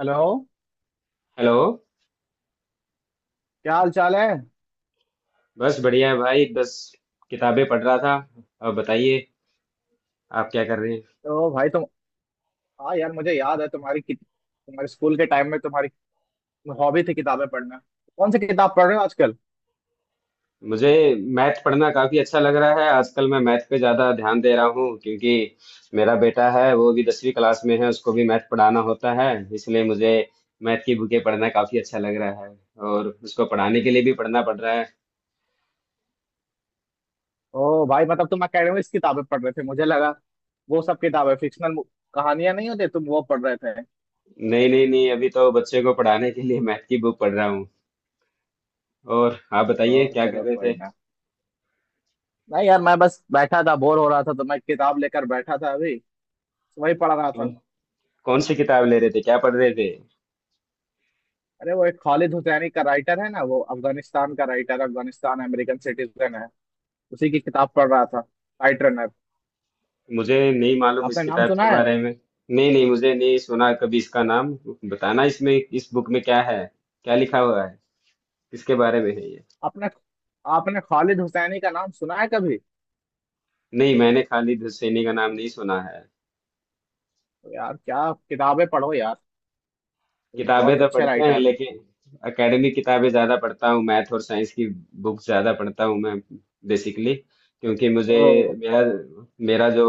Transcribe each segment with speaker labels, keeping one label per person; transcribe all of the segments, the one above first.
Speaker 1: Hello.
Speaker 2: Hello.
Speaker 1: क्या हाल चाल है?
Speaker 2: बस बढ़िया है भाई, बस किताबें पढ़ रहा था। अब बताइए, आप क्या कर रहे हैं?
Speaker 1: तो भाई तुम हाँ यार, मुझे याद है तुम्हारी तुम्हारे स्कूल के टाइम में तुम्हारी हॉबी थी किताबें पढ़ना। कौन सी किताब पढ़ रहे हो आजकल?
Speaker 2: मुझे मैथ पढ़ना काफी अच्छा लग रहा है आजकल। मैं मैथ पे ज्यादा ध्यान दे रहा हूँ, क्योंकि मेरा बेटा है, वो भी 10वीं क्लास में है, उसको भी मैथ पढ़ाना होता है। इसलिए मुझे मैथ की बुकें पढ़ना काफी अच्छा लग रहा है और उसको पढ़ाने के लिए भी पढ़ना पड़ रहा है।
Speaker 1: ओ भाई, मतलब तुम एकेडमिक्स किताबें पढ़ रहे थे, मुझे लगा वो सब किताबें फिक्शनल कहानियां नहीं होती, तुम वो पढ़ रहे थे।
Speaker 2: नहीं नहीं नहीं, अभी तो बच्चे को पढ़ाने के लिए मैथ की बुक पढ़ रहा हूँ। और आप
Speaker 1: ओ
Speaker 2: बताइए, क्या कर
Speaker 1: चलो,
Speaker 2: रहे
Speaker 1: कोई
Speaker 2: थे?
Speaker 1: ना। नहीं यार, मैं बस बैठा था, बोर हो रहा था, तो मैं किताब लेकर बैठा था अभी, तो वही पढ़ रहा था।
Speaker 2: कौन कौन सी किताब ले रहे थे? क्या पढ़ रहे थे?
Speaker 1: अरे वो एक खालिद हुसैनी का राइटर है ना, वो अफगानिस्तान का राइटर, अफगानिस्तान अमेरिकन सिटीजन है। उसी की किताब पढ़ रहा था। राइट।
Speaker 2: मुझे नहीं मालूम इस
Speaker 1: आपने नाम
Speaker 2: किताब
Speaker 1: सुना
Speaker 2: के
Speaker 1: है?
Speaker 2: बारे में। नहीं नहीं, मुझे नहीं सुना कभी इसका नाम। बताना, इसमें इस बुक में क्या है, क्या लिखा हुआ है, किसके बारे में है ये?
Speaker 1: आपने आपने खालिद हुसैनी का नाम सुना है कभी?
Speaker 2: नहीं, मैंने खालिद हुसैनी का नाम नहीं सुना है।
Speaker 1: तो यार, क्या किताबें पढ़ो यार,
Speaker 2: किताबें
Speaker 1: बहुत
Speaker 2: तो
Speaker 1: अच्छे
Speaker 2: पढ़ते हैं,
Speaker 1: राइटर हैं।
Speaker 2: लेकिन एकेडमिक किताबें ज्यादा पढ़ता हूँ, मैथ और साइंस की बुक ज्यादा पढ़ता हूँ मैं, बेसिकली। क्योंकि मुझे
Speaker 1: तो,
Speaker 2: मेरा मेरा जो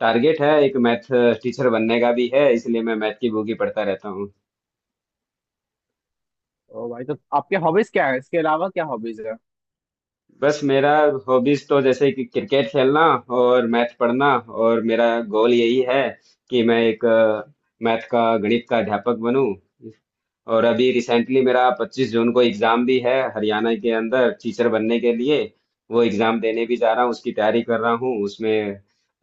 Speaker 2: टारगेट है एक मैथ टीचर बनने का भी है, इसलिए मैं मैथ की बुक ही पढ़ता रहता हूँ।
Speaker 1: तो भाई, तो आपके हॉबीज क्या है, इसके अलावा क्या हॉबीज है?
Speaker 2: बस, मेरा हॉबीज तो जैसे कि क्रिकेट खेलना और मैथ पढ़ना, और मेरा गोल यही है कि मैं एक मैथ का, गणित का अध्यापक बनूं। और अभी रिसेंटली मेरा 25 जून को एग्जाम भी है हरियाणा के अंदर, टीचर बनने के लिए। वो एग्जाम देने भी जा रहा हूँ, उसकी तैयारी कर रहा हूँ। उसमें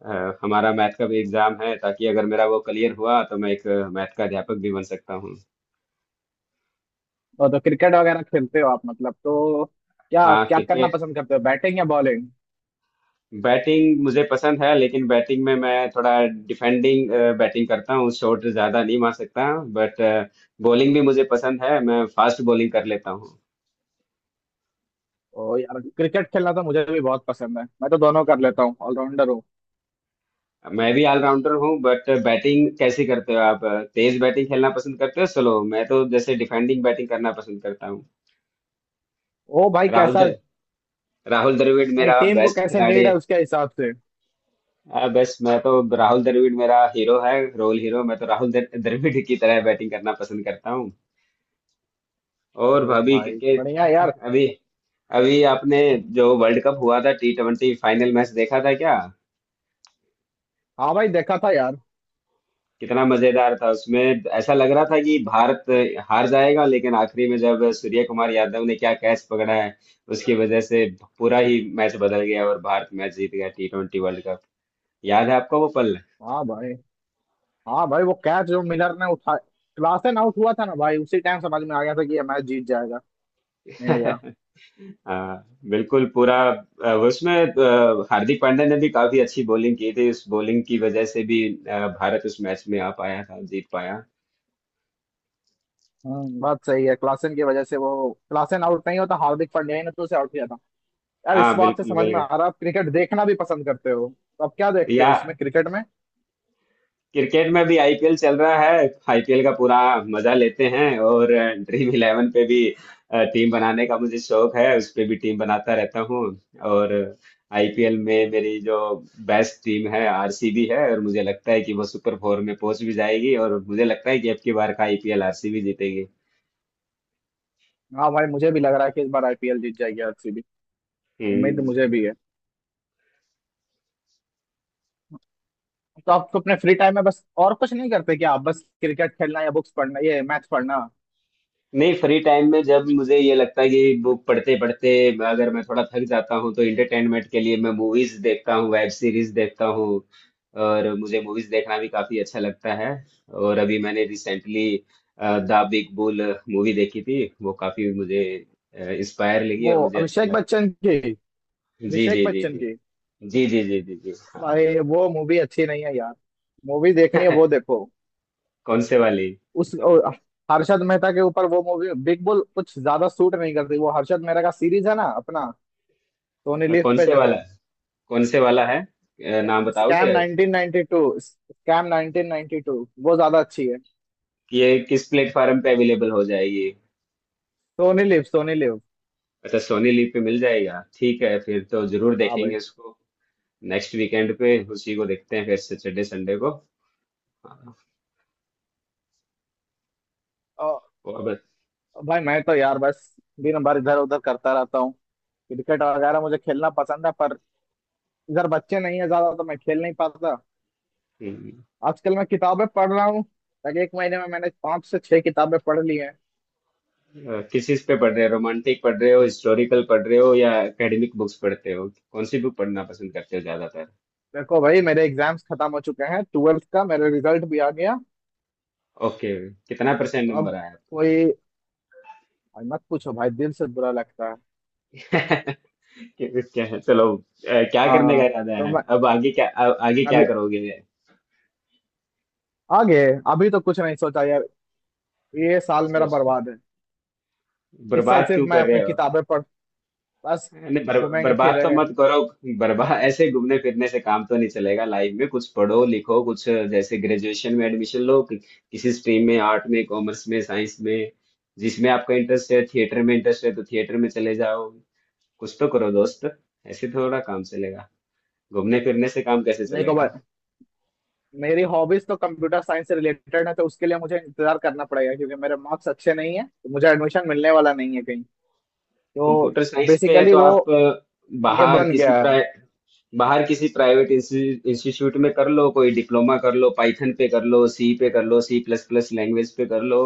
Speaker 2: हमारा मैथ का भी एग्जाम है, ताकि अगर मेरा वो क्लियर हुआ तो मैं एक मैथ का अध्यापक भी बन सकता हूँ।
Speaker 1: तो क्रिकेट वगैरह खेलते हो आप, मतलब तो क्या
Speaker 2: हाँ,
Speaker 1: क्या करना
Speaker 2: क्रिकेट
Speaker 1: पसंद करते हो, बैटिंग या बॉलिंग?
Speaker 2: बैटिंग मुझे पसंद है, लेकिन बैटिंग में मैं थोड़ा डिफेंडिंग बैटिंग करता हूँ, शॉट ज्यादा नहीं मार सकता। बट बॉलिंग भी मुझे पसंद है, मैं फास्ट बॉलिंग कर लेता हूँ।
Speaker 1: ओ यार, क्रिकेट खेलना तो मुझे भी बहुत पसंद है, मैं तो दोनों कर लेता हूँ, ऑलराउंडर हूँ।
Speaker 2: मैं भी ऑलराउंडर हूँ। बट बैटिंग कैसे करते हो आप? तेज बैटिंग खेलना पसंद करते हो, स्लो? मैं तो जैसे डिफेंडिंग बैटिंग करना पसंद करता हूँ।
Speaker 1: ओ भाई
Speaker 2: राहुल
Speaker 1: कैसा
Speaker 2: द्र, राहुल द्रविड़
Speaker 1: नहीं,
Speaker 2: मेरा
Speaker 1: टीम को
Speaker 2: बेस्ट
Speaker 1: कैसे
Speaker 2: खिलाड़ी
Speaker 1: नीड है
Speaker 2: है।
Speaker 1: उसके हिसाब से।
Speaker 2: बेस्ट, मैं तो राहुल द्रविड़, मेरा हीरो है, रोल हीरो। मैं तो द्रविड़ की तरह बैटिंग करना पसंद करता हूँ। और
Speaker 1: तो
Speaker 2: अभी
Speaker 1: भाई बढ़िया यार।
Speaker 2: क्रिकेट, अभी अभी आपने जो वर्ल्ड कप हुआ था, T20, फाइनल मैच देखा था क्या?
Speaker 1: हाँ भाई, देखा था यार।
Speaker 2: कितना मजेदार था! उसमें ऐसा लग रहा था कि भारत हार जाएगा, लेकिन आखिरी में जब सूर्य कुमार यादव ने क्या कैच पकड़ा है, उसकी वजह से पूरा ही मैच बदल गया और भारत मैच जीत गया T20 वर्ल्ड कप। याद है आपको वो पल?
Speaker 1: हाँ भाई, हाँ भाई, वो कैच जो मिलर ने उठा, क्लासेन आउट हुआ था ना भाई, उसी टाइम समझ में आ गया था कि ये मैच जीत जाएगा इंडिया।
Speaker 2: हाँ बिल्कुल, पूरा उसमें हार्दिक पांड्या ने भी काफी अच्छी बॉलिंग की थी, उस बॉलिंग की वजह से भी भारत उस मैच में आ पाया था, जीत पाया।
Speaker 1: बात सही है, क्लासेन की वजह से, वो क्लासेन आउट नहीं होता, हार्दिक पांड्या ही ने तो उसे आउट किया था। यार, इस
Speaker 2: हाँ
Speaker 1: बात से
Speaker 2: बिल्कुल
Speaker 1: समझ में
Speaker 2: बिल्कुल।
Speaker 1: आ रहा है आप क्रिकेट देखना भी पसंद करते हो। तो अब क्या देखते हो
Speaker 2: या
Speaker 1: इसमें, क्रिकेट में?
Speaker 2: क्रिकेट में भी आईपीएल चल रहा है, आईपीएल का पूरा मजा लेते हैं। और Dream11 पे भी टीम बनाने का मुझे शौक है, उस पे भी टीम बनाता रहता हूँ। और आईपीएल में मेरी जो बेस्ट टीम है आरसीबी है, और मुझे लगता है कि वो सुपर फोर में पहुंच भी जाएगी, और मुझे लगता है कि अब की बार का आईपीएल आरसीबी जीतेगी।
Speaker 1: हाँ भाई, मुझे भी लग रहा है कि इस बार आईपीएल जीत जाएगी आरसीबी। उम्मीद
Speaker 2: हम्म।
Speaker 1: मुझे भी है। तो आप तो अपने फ्री टाइम में बस और कुछ नहीं करते क्या आप, बस क्रिकेट खेलना या बुक्स पढ़ना, ये मैथ पढ़ना?
Speaker 2: नहीं, फ्री टाइम में जब मुझे ये लगता है कि बुक पढ़ते पढ़ते अगर मैं थोड़ा थक जाता हूँ, तो इंटरटेनमेंट के लिए मैं मूवीज देखता हूँ, वेब सीरीज देखता हूँ। और मुझे मूवीज देखना भी काफी अच्छा लगता है। और अभी मैंने recently the Big Bull movie देखी थी, वो काफी मुझे इंस्पायर लगी
Speaker 1: वो
Speaker 2: और मुझे अच्छा
Speaker 1: अभिषेक
Speaker 2: लगा।
Speaker 1: बच्चन की
Speaker 2: जी
Speaker 1: अभिषेक
Speaker 2: जी जी जी।
Speaker 1: बच्चन की।
Speaker 2: जी जी जी जी जी, हाँ।
Speaker 1: भाई, वो मूवी अच्छी नहीं है यार। मूवी देखनी है वो देखो।
Speaker 2: कौन से वाली?
Speaker 1: उस ओ, हर्षद मेहता के ऊपर वो मूवी बिग बुल कुछ ज्यादा सूट नहीं करती, वो हर्षद मेहता का सीरीज है ना अपना, सोनी लिव
Speaker 2: कौन
Speaker 1: पे
Speaker 2: से
Speaker 1: जो
Speaker 2: वाला,
Speaker 1: है।
Speaker 2: कौन से वाला है, नाम
Speaker 1: स्कैम
Speaker 2: बताओगे
Speaker 1: 1992। स्कैम 1992 वो ज्यादा अच्छी है।
Speaker 2: कि ये किस प्लेटफॉर्म पे अवेलेबल हो जाएगी?
Speaker 1: Sony live, Soni live.
Speaker 2: अच्छा, सोनी लिव पे मिल जाएगा, ठीक है, फिर तो जरूर
Speaker 1: हाँ भाई।
Speaker 2: देखेंगे इसको। नेक्स्ट वीकेंड पे उसी को देखते हैं फिर, सैटरडे संडे को। हाँ।
Speaker 1: और
Speaker 2: और बस।
Speaker 1: भाई मैं तो यार बस दिन भर इधर उधर करता रहता हूँ। क्रिकेट वगैरह मुझे खेलना पसंद है पर इधर बच्चे नहीं है ज्यादा, तो मैं खेल नहीं पाता।
Speaker 2: हम्म।
Speaker 1: आजकल मैं किताबें पढ़ रहा हूँ। तक एक महीने में मैंने पांच से छह किताबें पढ़ ली हैं।
Speaker 2: किस चीज पे पढ़ रहे हो, रोमांटिक पढ़ रहे हो, हिस्टोरिकल पढ़ रहे हो, या एकेडमिक बुक्स पढ़ते हो? कौन सी बुक पढ़ना पसंद करते हो ज्यादातर?
Speaker 1: देखो भाई, मेरे एग्जाम्स खत्म हो चुके हैं, 12th का मेरा रिजल्ट भी आ गया।
Speaker 2: ओके। कितना परसेंट
Speaker 1: तो
Speaker 2: नंबर
Speaker 1: अब
Speaker 2: आया आपका?
Speaker 1: कोई भाई मत पूछो भाई, दिल से बुरा लगता है।
Speaker 2: क्या क्या है, चलो, क्या करने का
Speaker 1: हाँ,
Speaker 2: इरादा
Speaker 1: तो
Speaker 2: है,
Speaker 1: मैं
Speaker 2: अब आगे क्या, आगे क्या
Speaker 1: अभी
Speaker 2: करोगे?
Speaker 1: आगे अभी तो कुछ नहीं सोचा यार। ये साल मेरा
Speaker 2: सोच,
Speaker 1: बर्बाद है। इस साल
Speaker 2: बर्बाद
Speaker 1: सिर्फ
Speaker 2: क्यों
Speaker 1: मैं
Speaker 2: कर रहे
Speaker 1: अपनी
Speaker 2: हो?
Speaker 1: किताबें पढ़ बस
Speaker 2: नहीं,
Speaker 1: घूमेंगे
Speaker 2: बर्बाद तो
Speaker 1: फिरेंगे।
Speaker 2: मत करो। बर्बाद ऐसे घूमने फिरने से काम तो नहीं चलेगा, लाइफ में कुछ पढ़ो लिखो, कुछ जैसे ग्रेजुएशन में एडमिशन लो किसी स्ट्रीम में, आर्ट में, कॉमर्स में, साइंस में, जिसमें आपका इंटरेस्ट है। थिएटर में इंटरेस्ट है तो थिएटर में चले जाओ, कुछ तो करो दोस्त। ऐसे थोड़ा काम चलेगा? घूमने फिरने से काम कैसे
Speaker 1: देखो भाई,
Speaker 2: चलेगा?
Speaker 1: मेरी हॉबीज तो कंप्यूटर साइंस से रिलेटेड है, तो उसके लिए मुझे इंतजार करना पड़ेगा, क्योंकि मेरे मार्क्स अच्छे नहीं है तो मुझे एडमिशन मिलने वाला नहीं है कहीं। तो
Speaker 2: कंप्यूटर साइंस पे है,
Speaker 1: बेसिकली
Speaker 2: तो
Speaker 1: वो
Speaker 2: आप
Speaker 1: ये
Speaker 2: बाहर
Speaker 1: बन गया
Speaker 2: किसी,
Speaker 1: है।
Speaker 2: बाहर किसी प्राइवेट इंस्टीट्यूट में कर लो, कोई डिप्लोमा कर लो, पाइथन पे कर लो, सी पे कर लो, C++ लैंग्वेज पे कर लो।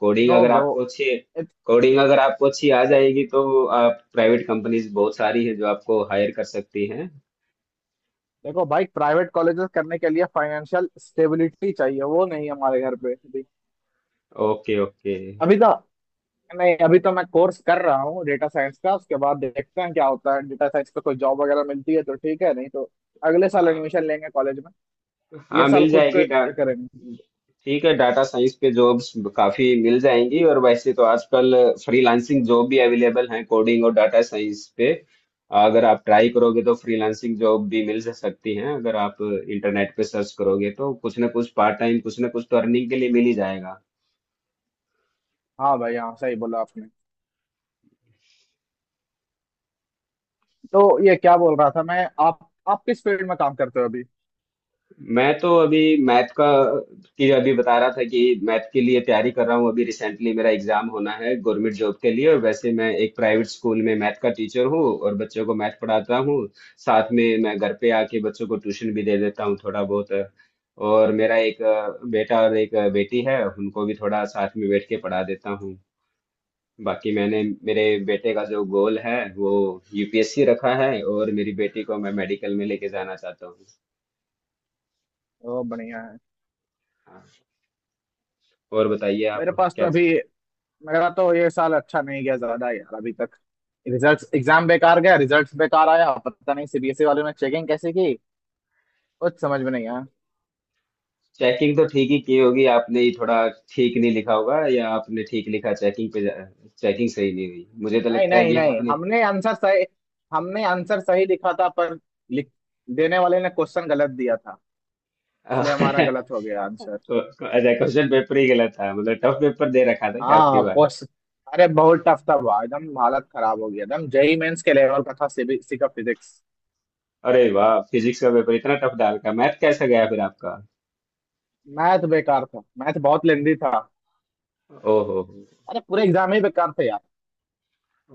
Speaker 2: कोडिंग
Speaker 1: नो
Speaker 2: अगर
Speaker 1: ब्रो।
Speaker 2: आपको अच्छी, कोडिंग अगर आपको अच्छी आ जाएगी, तो आप, प्राइवेट कंपनीज बहुत सारी है जो आपको हायर कर सकती हैं।
Speaker 1: देखो भाई, प्राइवेट कॉलेजेस करने के लिए फाइनेंशियल स्टेबिलिटी चाहिए, वो नहीं है हमारे घर पे अभी।
Speaker 2: Okay okay.
Speaker 1: अभी तो नहीं, अभी तो मैं कोर्स कर रहा हूँ डेटा साइंस का, उसके बाद देखते हैं क्या होता है। डेटा साइंस पे कोई जॉब वगैरह मिलती है तो ठीक है, नहीं तो अगले साल एडमिशन
Speaker 2: हाँ,
Speaker 1: लेंगे कॉलेज में।
Speaker 2: हाँ
Speaker 1: ये साल
Speaker 2: मिल
Speaker 1: खुद को
Speaker 2: जाएगी डा
Speaker 1: ये करेंगे।
Speaker 2: ठीक है, डाटा साइंस पे जॉब्स काफी मिल जाएंगी। और वैसे तो आजकल फ्रीलांसिंग जॉब भी अवेलेबल हैं कोडिंग और डाटा साइंस पे, अगर आप ट्राई करोगे तो फ्रीलांसिंग जॉब भी मिल जा सकती हैं। अगर आप इंटरनेट पे सर्च करोगे तो कुछ ना कुछ पार्ट टाइम, कुछ ना कुछ तो अर्निंग के लिए मिल ही जाएगा।
Speaker 1: हाँ भाई, हाँ सही बोला आपने। तो ये क्या बोल रहा था मैं, आप किस फील्ड में काम करते हो अभी?
Speaker 2: मैं तो अभी मैथ का, की अभी बता रहा था कि मैथ के लिए तैयारी कर रहा हूँ, अभी रिसेंटली मेरा एग्जाम होना है गवर्नमेंट जॉब के लिए। और वैसे मैं एक प्राइवेट स्कूल में मैथ का टीचर हूँ और बच्चों को मैथ पढ़ाता हूँ। साथ में मैं घर पे आके बच्चों को ट्यूशन भी दे देता हूँ, थोड़ा बहुत। और मेरा एक बेटा और एक बेटी है, उनको भी थोड़ा साथ में बैठ के पढ़ा देता हूँ। बाकी मैंने, मेरे बेटे का जो गोल है वो यूपीएससी रखा है, और मेरी बेटी को मैं मेडिकल में लेके जाना चाहता हूँ।
Speaker 1: ओ बढ़िया है।
Speaker 2: हाँ। और बताइए आप,
Speaker 1: मेरे पास तो
Speaker 2: क्या?
Speaker 1: अभी मेरा तो ये साल अच्छा नहीं गया ज्यादा यार अभी तक। रिजल्ट्स, एग्जाम बेकार गया, रिजल्ट्स बेकार आया, पता नहीं सीबीएसई वालों ने चेकिंग कैसे की। कुछ समझ में नहीं आया।
Speaker 2: चेकिंग तो ठीक ही की होगी, आपने ही थोड़ा ठीक नहीं लिखा होगा, या आपने ठीक लिखा, चेकिंग पे चेकिंग सही नहीं हुई, मुझे तो
Speaker 1: नहीं
Speaker 2: लगता है
Speaker 1: नहीं
Speaker 2: कि
Speaker 1: नहीं,
Speaker 2: आपने।
Speaker 1: हमने आंसर सही लिखा था, पर लिख देने वाले ने क्वेश्चन गलत दिया था, इसलिए हमारा गलत हो
Speaker 2: तो
Speaker 1: गया आंसर।
Speaker 2: अच्छा, क्वेश्चन पेपर ही गलत था मतलब, टफ पेपर दे रखा था क्या आपकी
Speaker 1: हाँ
Speaker 2: बार?
Speaker 1: क्वेश्चन अरे बहुत टफ था भाई, एकदम हालत खराब हो गया, एकदम जेई मेंस के लेवल का था सीबीएसई का फिजिक्स।
Speaker 2: अरे वाह, फिजिक्स का पेपर इतना टफ डाल का, मैथ कैसा गया फिर आपका?
Speaker 1: मैथ बेकार था, मैथ बहुत लेंदी था।
Speaker 2: ओहो।
Speaker 1: अरे पूरे एग्जाम ही बेकार थे यार।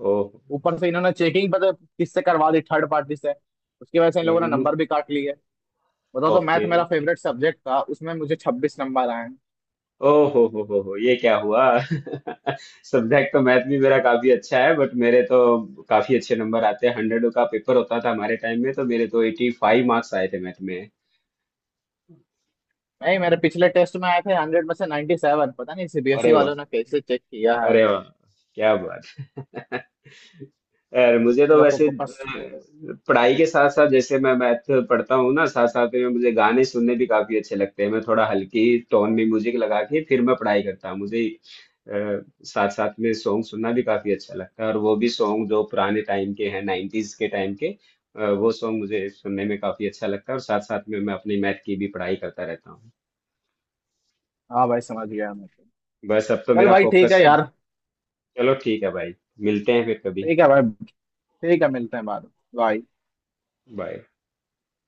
Speaker 2: ओहो।
Speaker 1: ऊपर से इन्होंने चेकिंग पता है किससे करवा दी, थर्ड पार्टी से, उसकी वजह से इन लोगों ने नंबर भी काट लिए। बताओ, तो
Speaker 2: ओके।
Speaker 1: मैथ मेरा फेवरेट सब्जेक्ट था उसमें मुझे 26 नंबर आए हैं।
Speaker 2: ओ हो, ये क्या हुआ? सब्जेक्ट तो मैथ भी मेरा काफी अच्छा है, बट मेरे तो काफी अच्छे नंबर आते हैं। 100 का पेपर होता था हमारे टाइम में, तो मेरे तो 85 मार्क्स आए थे मैथ में।
Speaker 1: नहीं, मेरे पिछले टेस्ट में आए थे 100 में से 97। पता नहीं सीबीएसई
Speaker 2: अरे वाह,
Speaker 1: वालों ने कैसे चेक किया है।
Speaker 2: अरे वाह, क्या बात। यार, मुझे
Speaker 1: इन
Speaker 2: तो
Speaker 1: लोगों
Speaker 2: वैसे
Speaker 1: को पास।
Speaker 2: पढ़ाई के साथ साथ, जैसे मैं मैथ पढ़ता हूँ ना, साथ साथ में मुझे गाने सुनने भी काफी अच्छे लगते हैं। मैं थोड़ा हल्की टोन में म्यूजिक लगा के फिर मैं पढ़ाई करता हूँ। मुझे साथ साथ में सॉन्ग सुनना भी काफी अच्छा लगता है, और वो भी सॉन्ग जो पुराने टाइम के हैं, 90s के टाइम के वो सॉन्ग, मुझे सुनने में काफी अच्छा लगता है, और साथ साथ में मैं अपनी मैथ की भी पढ़ाई करता रहता हूँ।
Speaker 1: हाँ भाई, समझ गया मैं।
Speaker 2: बस अब तो
Speaker 1: चल
Speaker 2: मेरा
Speaker 1: भाई, ठीक
Speaker 2: फोकस।
Speaker 1: है यार।
Speaker 2: चलो ठीक है भाई, मिलते हैं फिर कभी।
Speaker 1: ठीक है भाई। ठीक है, मिलते हैं बाद में। बाय।
Speaker 2: बाय।